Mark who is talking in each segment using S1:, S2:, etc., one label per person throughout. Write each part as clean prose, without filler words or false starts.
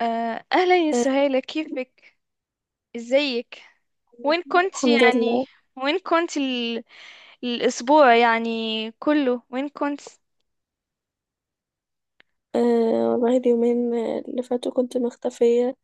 S1: أهلا يا
S2: آه،
S1: سهيلة، كيفك؟ ازيك؟ وين كنت
S2: الحمد
S1: يعني؟
S2: لله.
S1: وين كنت الأسبوع يعني كله؟ وين كنت؟
S2: والله اليومين اللي فاتوا كنت مختفية،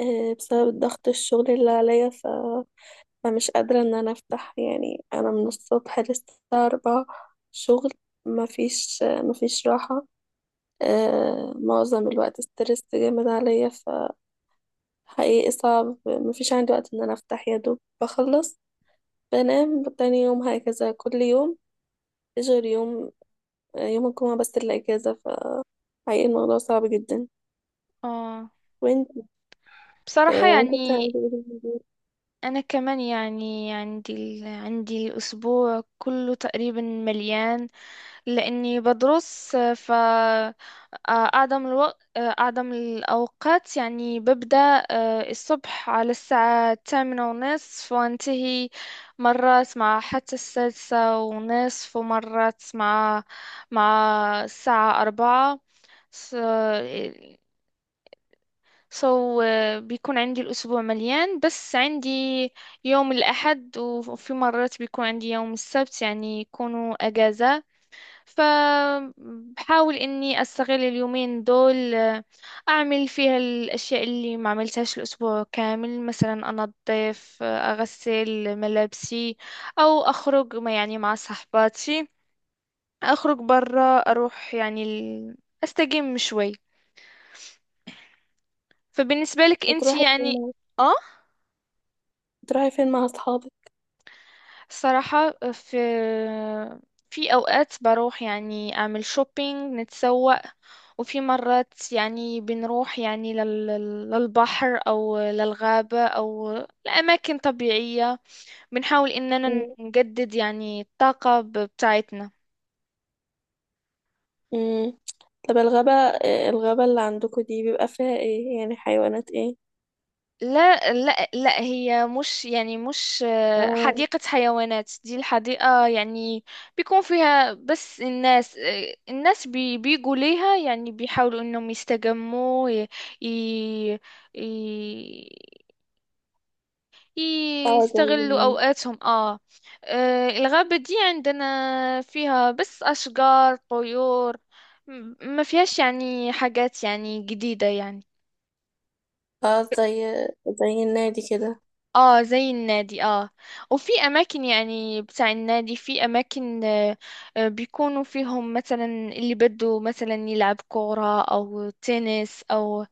S2: بسبب ضغط الشغل اللي عليا، فمش قادرة ان انا افتح، يعني انا من الصبح للساعة 4 شغل. مفيش راحة. معظم الوقت ستريس جامد عليا، فحقيقي صعب، مفيش عندي وقت ان انا افتح، يا دوب بخلص بنام تاني يوم، هكذا كل يوم غير يوم الجمعة بس اللي اجازة. فحقيقي الموضوع صعب جدا.
S1: آه
S2: وانت
S1: بصراحة
S2: آه، انت
S1: يعني
S2: بتعملي ايه في الهدوء؟
S1: انا كمان يعني عندي عندي الاسبوع كله تقريبا مليان لاني بدرس ف آه، اعظم الوقت، اعظم الاوقات يعني ببدا الصبح على الساعه الثامنة ونصف، وانتهي مرات مع حتى السادسة ونصف، ومرات مع الساعه أربعة. سو بيكون عندي الأسبوع مليان، بس عندي يوم الأحد، وفي مرات بيكون عندي يوم السبت، يعني يكونوا أجازة. فبحاول إني أستغل اليومين دول، أعمل فيها الأشياء اللي ما عملتهاش الأسبوع كامل. مثلا أنظف، أغسل ملابسي، أو أخرج ما يعني مع صحباتي، أخرج برا، أروح يعني أستجم شوي. فبالنسبة لك أنت
S2: بتروحي فين
S1: يعني؟
S2: مع
S1: آه،
S2: بتروحي فين مع اصحابك؟
S1: صراحة في، في أوقات بروح يعني أعمل شوبينج، نتسوق. وفي مرات يعني بنروح يعني للبحر أو للغابة أو لأماكن طبيعية. بنحاول إننا
S2: مم.
S1: نجدد يعني الطاقة بتاعتنا.
S2: مم. طب الغابة، الغابة اللي عندكم دي بيبقى فيها ايه؟ يعني حيوانات ايه؟
S1: لا لا لا، هي مش يعني مش
S2: اه.
S1: حديقة حيوانات. دي الحديقة يعني بيكون فيها بس الناس، الناس بيجوا ليها يعني بيحاولوا انهم يستجموا، ي ي-
S2: اه.
S1: يستغلوا اوقاتهم. اه، الغابة دي عندنا فيها بس اشجار، طيور، ما فيهاش يعني حاجات يعني جديدة يعني.
S2: اه زي زي النادي كده.
S1: اه زي النادي، اه. وفي اماكن يعني بتاع النادي، في اماكن بيكونوا فيهم مثلا اللي بده مثلا يلعب كورة او تنس او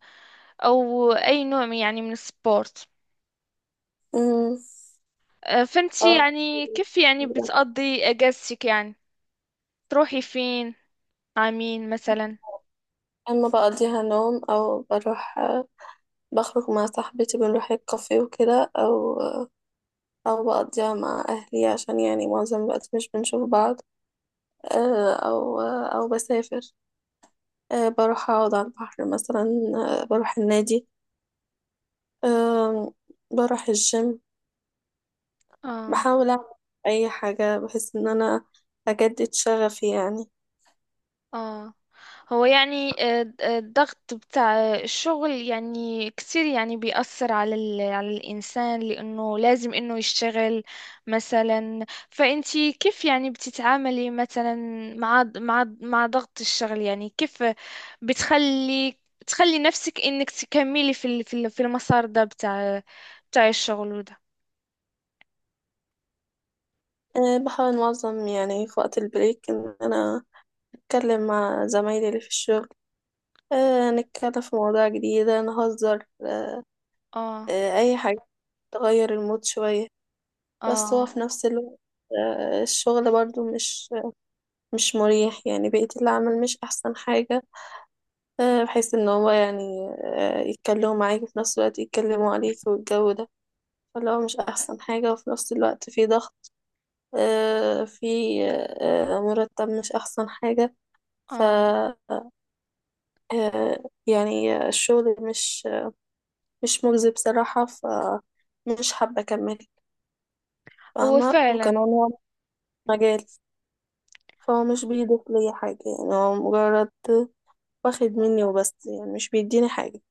S1: او اي نوع يعني من السبورت.
S2: مم.
S1: فانتي
S2: اه،
S1: يعني كيف يعني بتقضي اجازتك يعني؟ تروحي فين، مع مين مثلا؟
S2: اما بقضيها نوم او بروح، بخرج مع صاحبتي، بنروح الكافيه وكده، او بقضيها مع اهلي عشان يعني معظم الوقت مش بنشوف بعض. او بسافر. بروح أقعد على البحر مثلا. بروح النادي. أه بروح الجيم.
S1: اه.
S2: بحاول أعمل أي حاجة بحيث إن أنا أجدد شغفي يعني.
S1: اه، هو يعني الضغط بتاع الشغل يعني كتير، يعني بيأثر على على الإنسان، لأنه لازم إنه يشتغل مثلا. فأنتي كيف يعني بتتعاملي مثلا مع ضغط الشغل؟ يعني كيف بتخلي، تخلي نفسك إنك تكملي في في المسار ده بتاع، بتاع الشغل وده؟
S2: بحاول أنظم يعني في وقت البريك إن أنا أتكلم مع زمايلي اللي في الشغل، نتكلم في مواضيع جديدة، نهزر، أه
S1: اه،
S2: أه أي حاجة تغير المود شوية. بس هو
S1: اه،
S2: في نفس الوقت الشغل برضو مش مريح، يعني بقيت العمل مش أحسن حاجة. بحيث ان هو يعني يتكلموا معاك وفي نفس الوقت يتكلموا عليك، والجو ده فاللي هو مش احسن حاجة. وفي نفس الوقت في ضغط، آه، في آه، مرتب مش احسن حاجة. ف
S1: اه.
S2: آه، يعني الشغل مش مجزي بصراحة، فمش حابة اكمل،
S1: هو
S2: فاهمة؟ وكمان
S1: فعلا،
S2: هو مش مجالي، فهو مش بيضيف لي حاجة، يعني هو مجرد واخد مني وبس، يعني مش بيديني حاجة.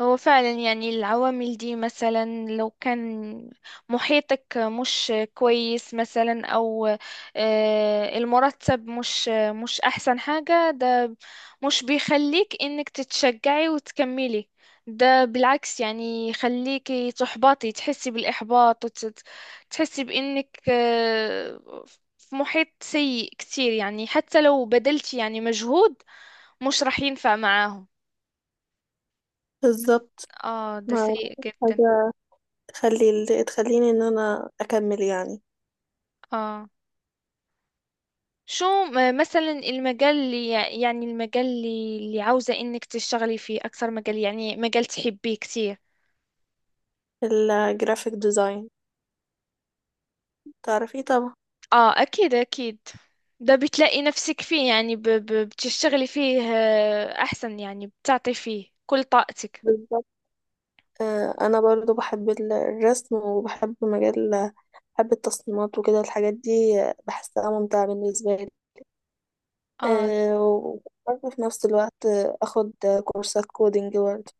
S1: هو فعلا يعني العوامل دي، مثلا لو كان محيطك مش كويس، مثلا او المرتب مش مش احسن حاجة، ده مش بيخليك انك تتشجعي وتكملي. ده بالعكس يعني يخليكي تحبطي، تحسي بالاحباط، وتحسي بانك في محيط سيء كتير، يعني حتى لو بذلتي يعني مجهود مش راح ينفع معاهم.
S2: بالظبط.
S1: اه ده
S2: ما
S1: سيء
S2: فيش
S1: جدا.
S2: حاجة تخلي تخليني ان انا اكمل يعني.
S1: اه، شو مثلا المجال اللي يعني المجال اللي عاوزة انك تشتغلي فيه اكثر، مجال يعني مجال تحبيه كتير؟
S2: الجرافيك ديزاين، تعرفيه طبعا.
S1: اه اكيد اكيد. ده بتلاقي نفسك فيه يعني، ب ب بتشتغلي فيه احسن، يعني بتعطي فيه كل طاقتك.
S2: بالظبط. انا برضو بحب الرسم، وبحب بحب التصميمات وكده، الحاجات دي بحسها ممتعة بالنسبة لي.
S1: اه،
S2: وبرضو في نفس الوقت اخد كورسات كودينج برضو.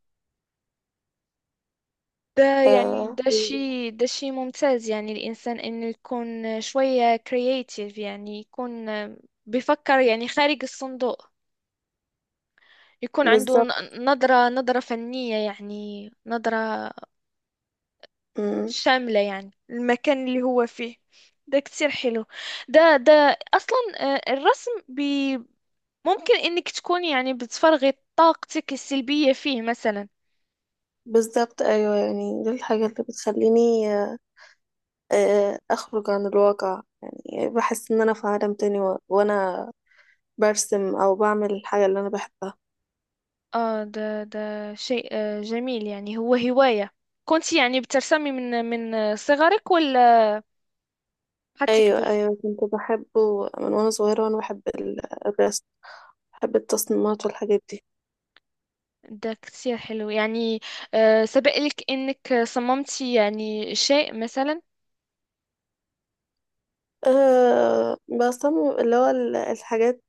S1: ده يعني
S2: آه،
S1: ده شيء ده شيء ممتاز، يعني الانسان انه يكون شوية كرياتيف، يعني يكون بيفكر يعني خارج الصندوق، يكون عنده
S2: بالظبط.
S1: نظرة، نظرة فنية، يعني نظرة
S2: مم.
S1: شاملة يعني المكان اللي هو فيه. ده كتير حلو. ده ده أصلا الرسم ممكن إنك تكون يعني بتفرغي طاقتك السلبية فيه مثلا.
S2: بالظبط. ايوه، يعني دي الحاجة اللي بتخليني، اخرج عن الواقع، يعني بحس ان انا في عالم تاني، وانا برسم او بعمل الحاجه اللي انا بحبها.
S1: آه ده ده شيء جميل، يعني هو هواية. كنت يعني بترسمي من صغرك ولا حتى
S2: ايوه،
S1: كبرت؟
S2: ايوه، كنت بحبه من وانا صغيره، وانا بحب الرسم، بحب التصميمات والحاجات دي.
S1: ده كتير حلو يعني. سبق لك إنك صممتي يعني شيء مثلا؟
S2: بصمم اللي هو الحاجات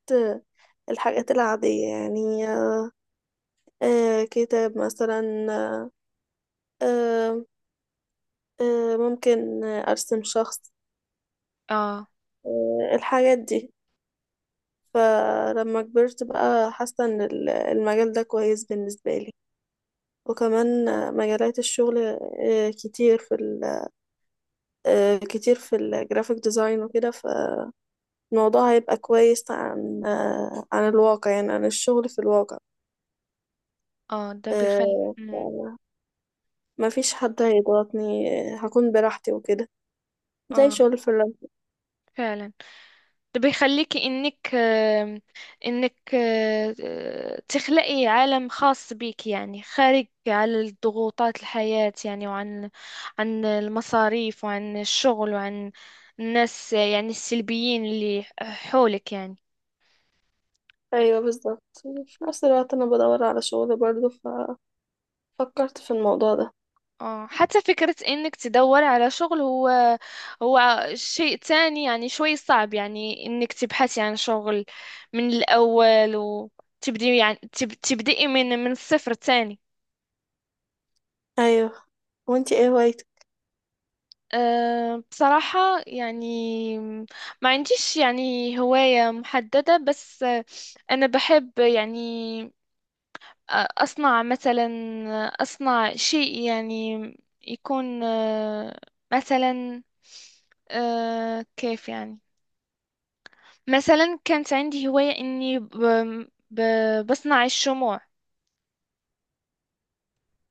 S2: الحاجات العاديه يعني. كتاب مثلا. أه أه ممكن ارسم شخص.
S1: اه
S2: الحاجات دي. فلما كبرت بقى حاسه ان المجال ده كويس بالنسبه لي. وكمان مجالات الشغل كتير في الجرافيك ديزاين وكده. فالموضوع هيبقى كويس عن الواقع، يعني عن الشغل في الواقع.
S1: اه. ده بيخلي،
S2: آه، ف- ما فيش حد هيضغطني، هكون براحتي وكده، زي
S1: اه
S2: شغل الفريلانس.
S1: فعلا. ده بيخليكي انك تخلقي عالم خاص بيك، يعني خارج على ضغوطات الحياة يعني، وعن، عن المصاريف، وعن الشغل، وعن الناس يعني السلبيين اللي حولك يعني.
S2: ايوه، بالظبط. في نفس الوقت انا بدور على شغل برضه، ففكرت في الموضوع ده.
S1: اه حتى فكرة انك تدور على شغل، هو هو شيء تاني يعني، شوي صعب يعني انك تبحثي عن شغل من الاول وتبدي يعني تبدئي من الصفر تاني.
S2: ايوه. وانتي ايه هوايتك؟
S1: أه بصراحة يعني ما عنديش يعني هواية محددة، بس أنا بحب يعني أصنع مثلا، أصنع شيء يعني يكون مثلا، كيف يعني، مثلا كانت عندي هواية إني بصنع الشموع.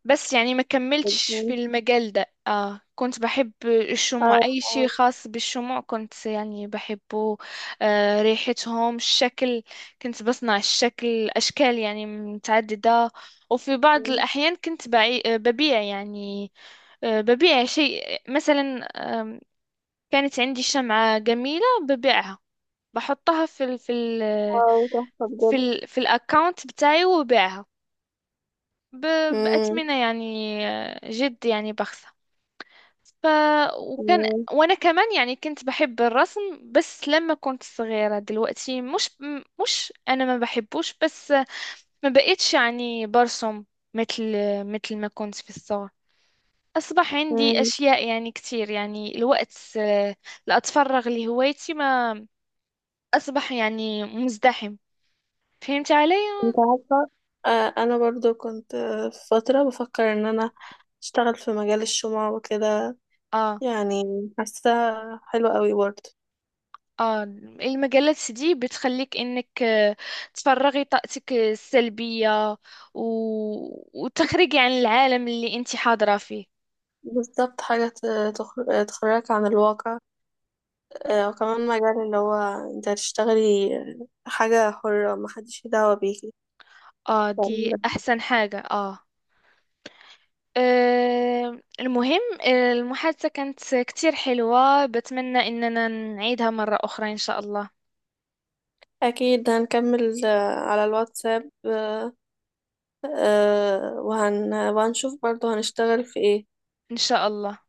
S1: بس يعني ما كملتش في المجال ده. آه كنت بحب الشموع،
S2: اه.
S1: أي شيء
S2: اه.
S1: خاص بالشموع كنت يعني بحبه. آه ريحتهم، الشكل. كنت بصنع الشكل، أشكال يعني متعددة. وفي بعض الأحيان كنت بعي... آه، ببيع يعني، آه ببيع شيء مثلا. آم، كانت عندي شمعة جميلة ببيعها، بحطها في
S2: واو، تحفة بجد.
S1: في الأكاونت بتاعي، وببيعها ب...
S2: مم.
S1: بأثمنة يعني جد يعني بخس. ف وكان وانا كمان يعني كنت بحب الرسم، بس لما كنت صغيرة. دلوقتي مش، مش انا ما بحبوش، بس ما بقيتش يعني برسم مثل، مثل ما كنت في الصغر. اصبح عندي
S2: مم.
S1: اشياء يعني كتير يعني، الوقت اللي اتفرغ لهوايتي ما، اصبح يعني مزدحم. فهمت علي؟
S2: انت عارفة، انا برضو كنت في فترة بفكر ان انا اشتغل في مجال الشمع وكده
S1: اه
S2: يعني. حاسة حلوة قوي برضو.
S1: اه. المجلات دي بتخليك انك تفرغي طاقتك السلبية، و... وتخرجي عن العالم اللي انت حاضرة فيه.
S2: بالظبط، حاجة تخرجك عن الواقع. وكمان مجال اللي هو انت هتشتغلي حاجة حرة، محدش ليه دعوة بيكي.
S1: اه دي
S2: فال-
S1: احسن حاجة، اه. المهم، المحادثة كانت كتير حلوة، بتمنى اننا نعيدها مرة اخرى ان شاء الله.
S2: أكيد هنكمل على الواتساب، وهنشوف برضو هنشتغل في ايه.
S1: ان شاء الله.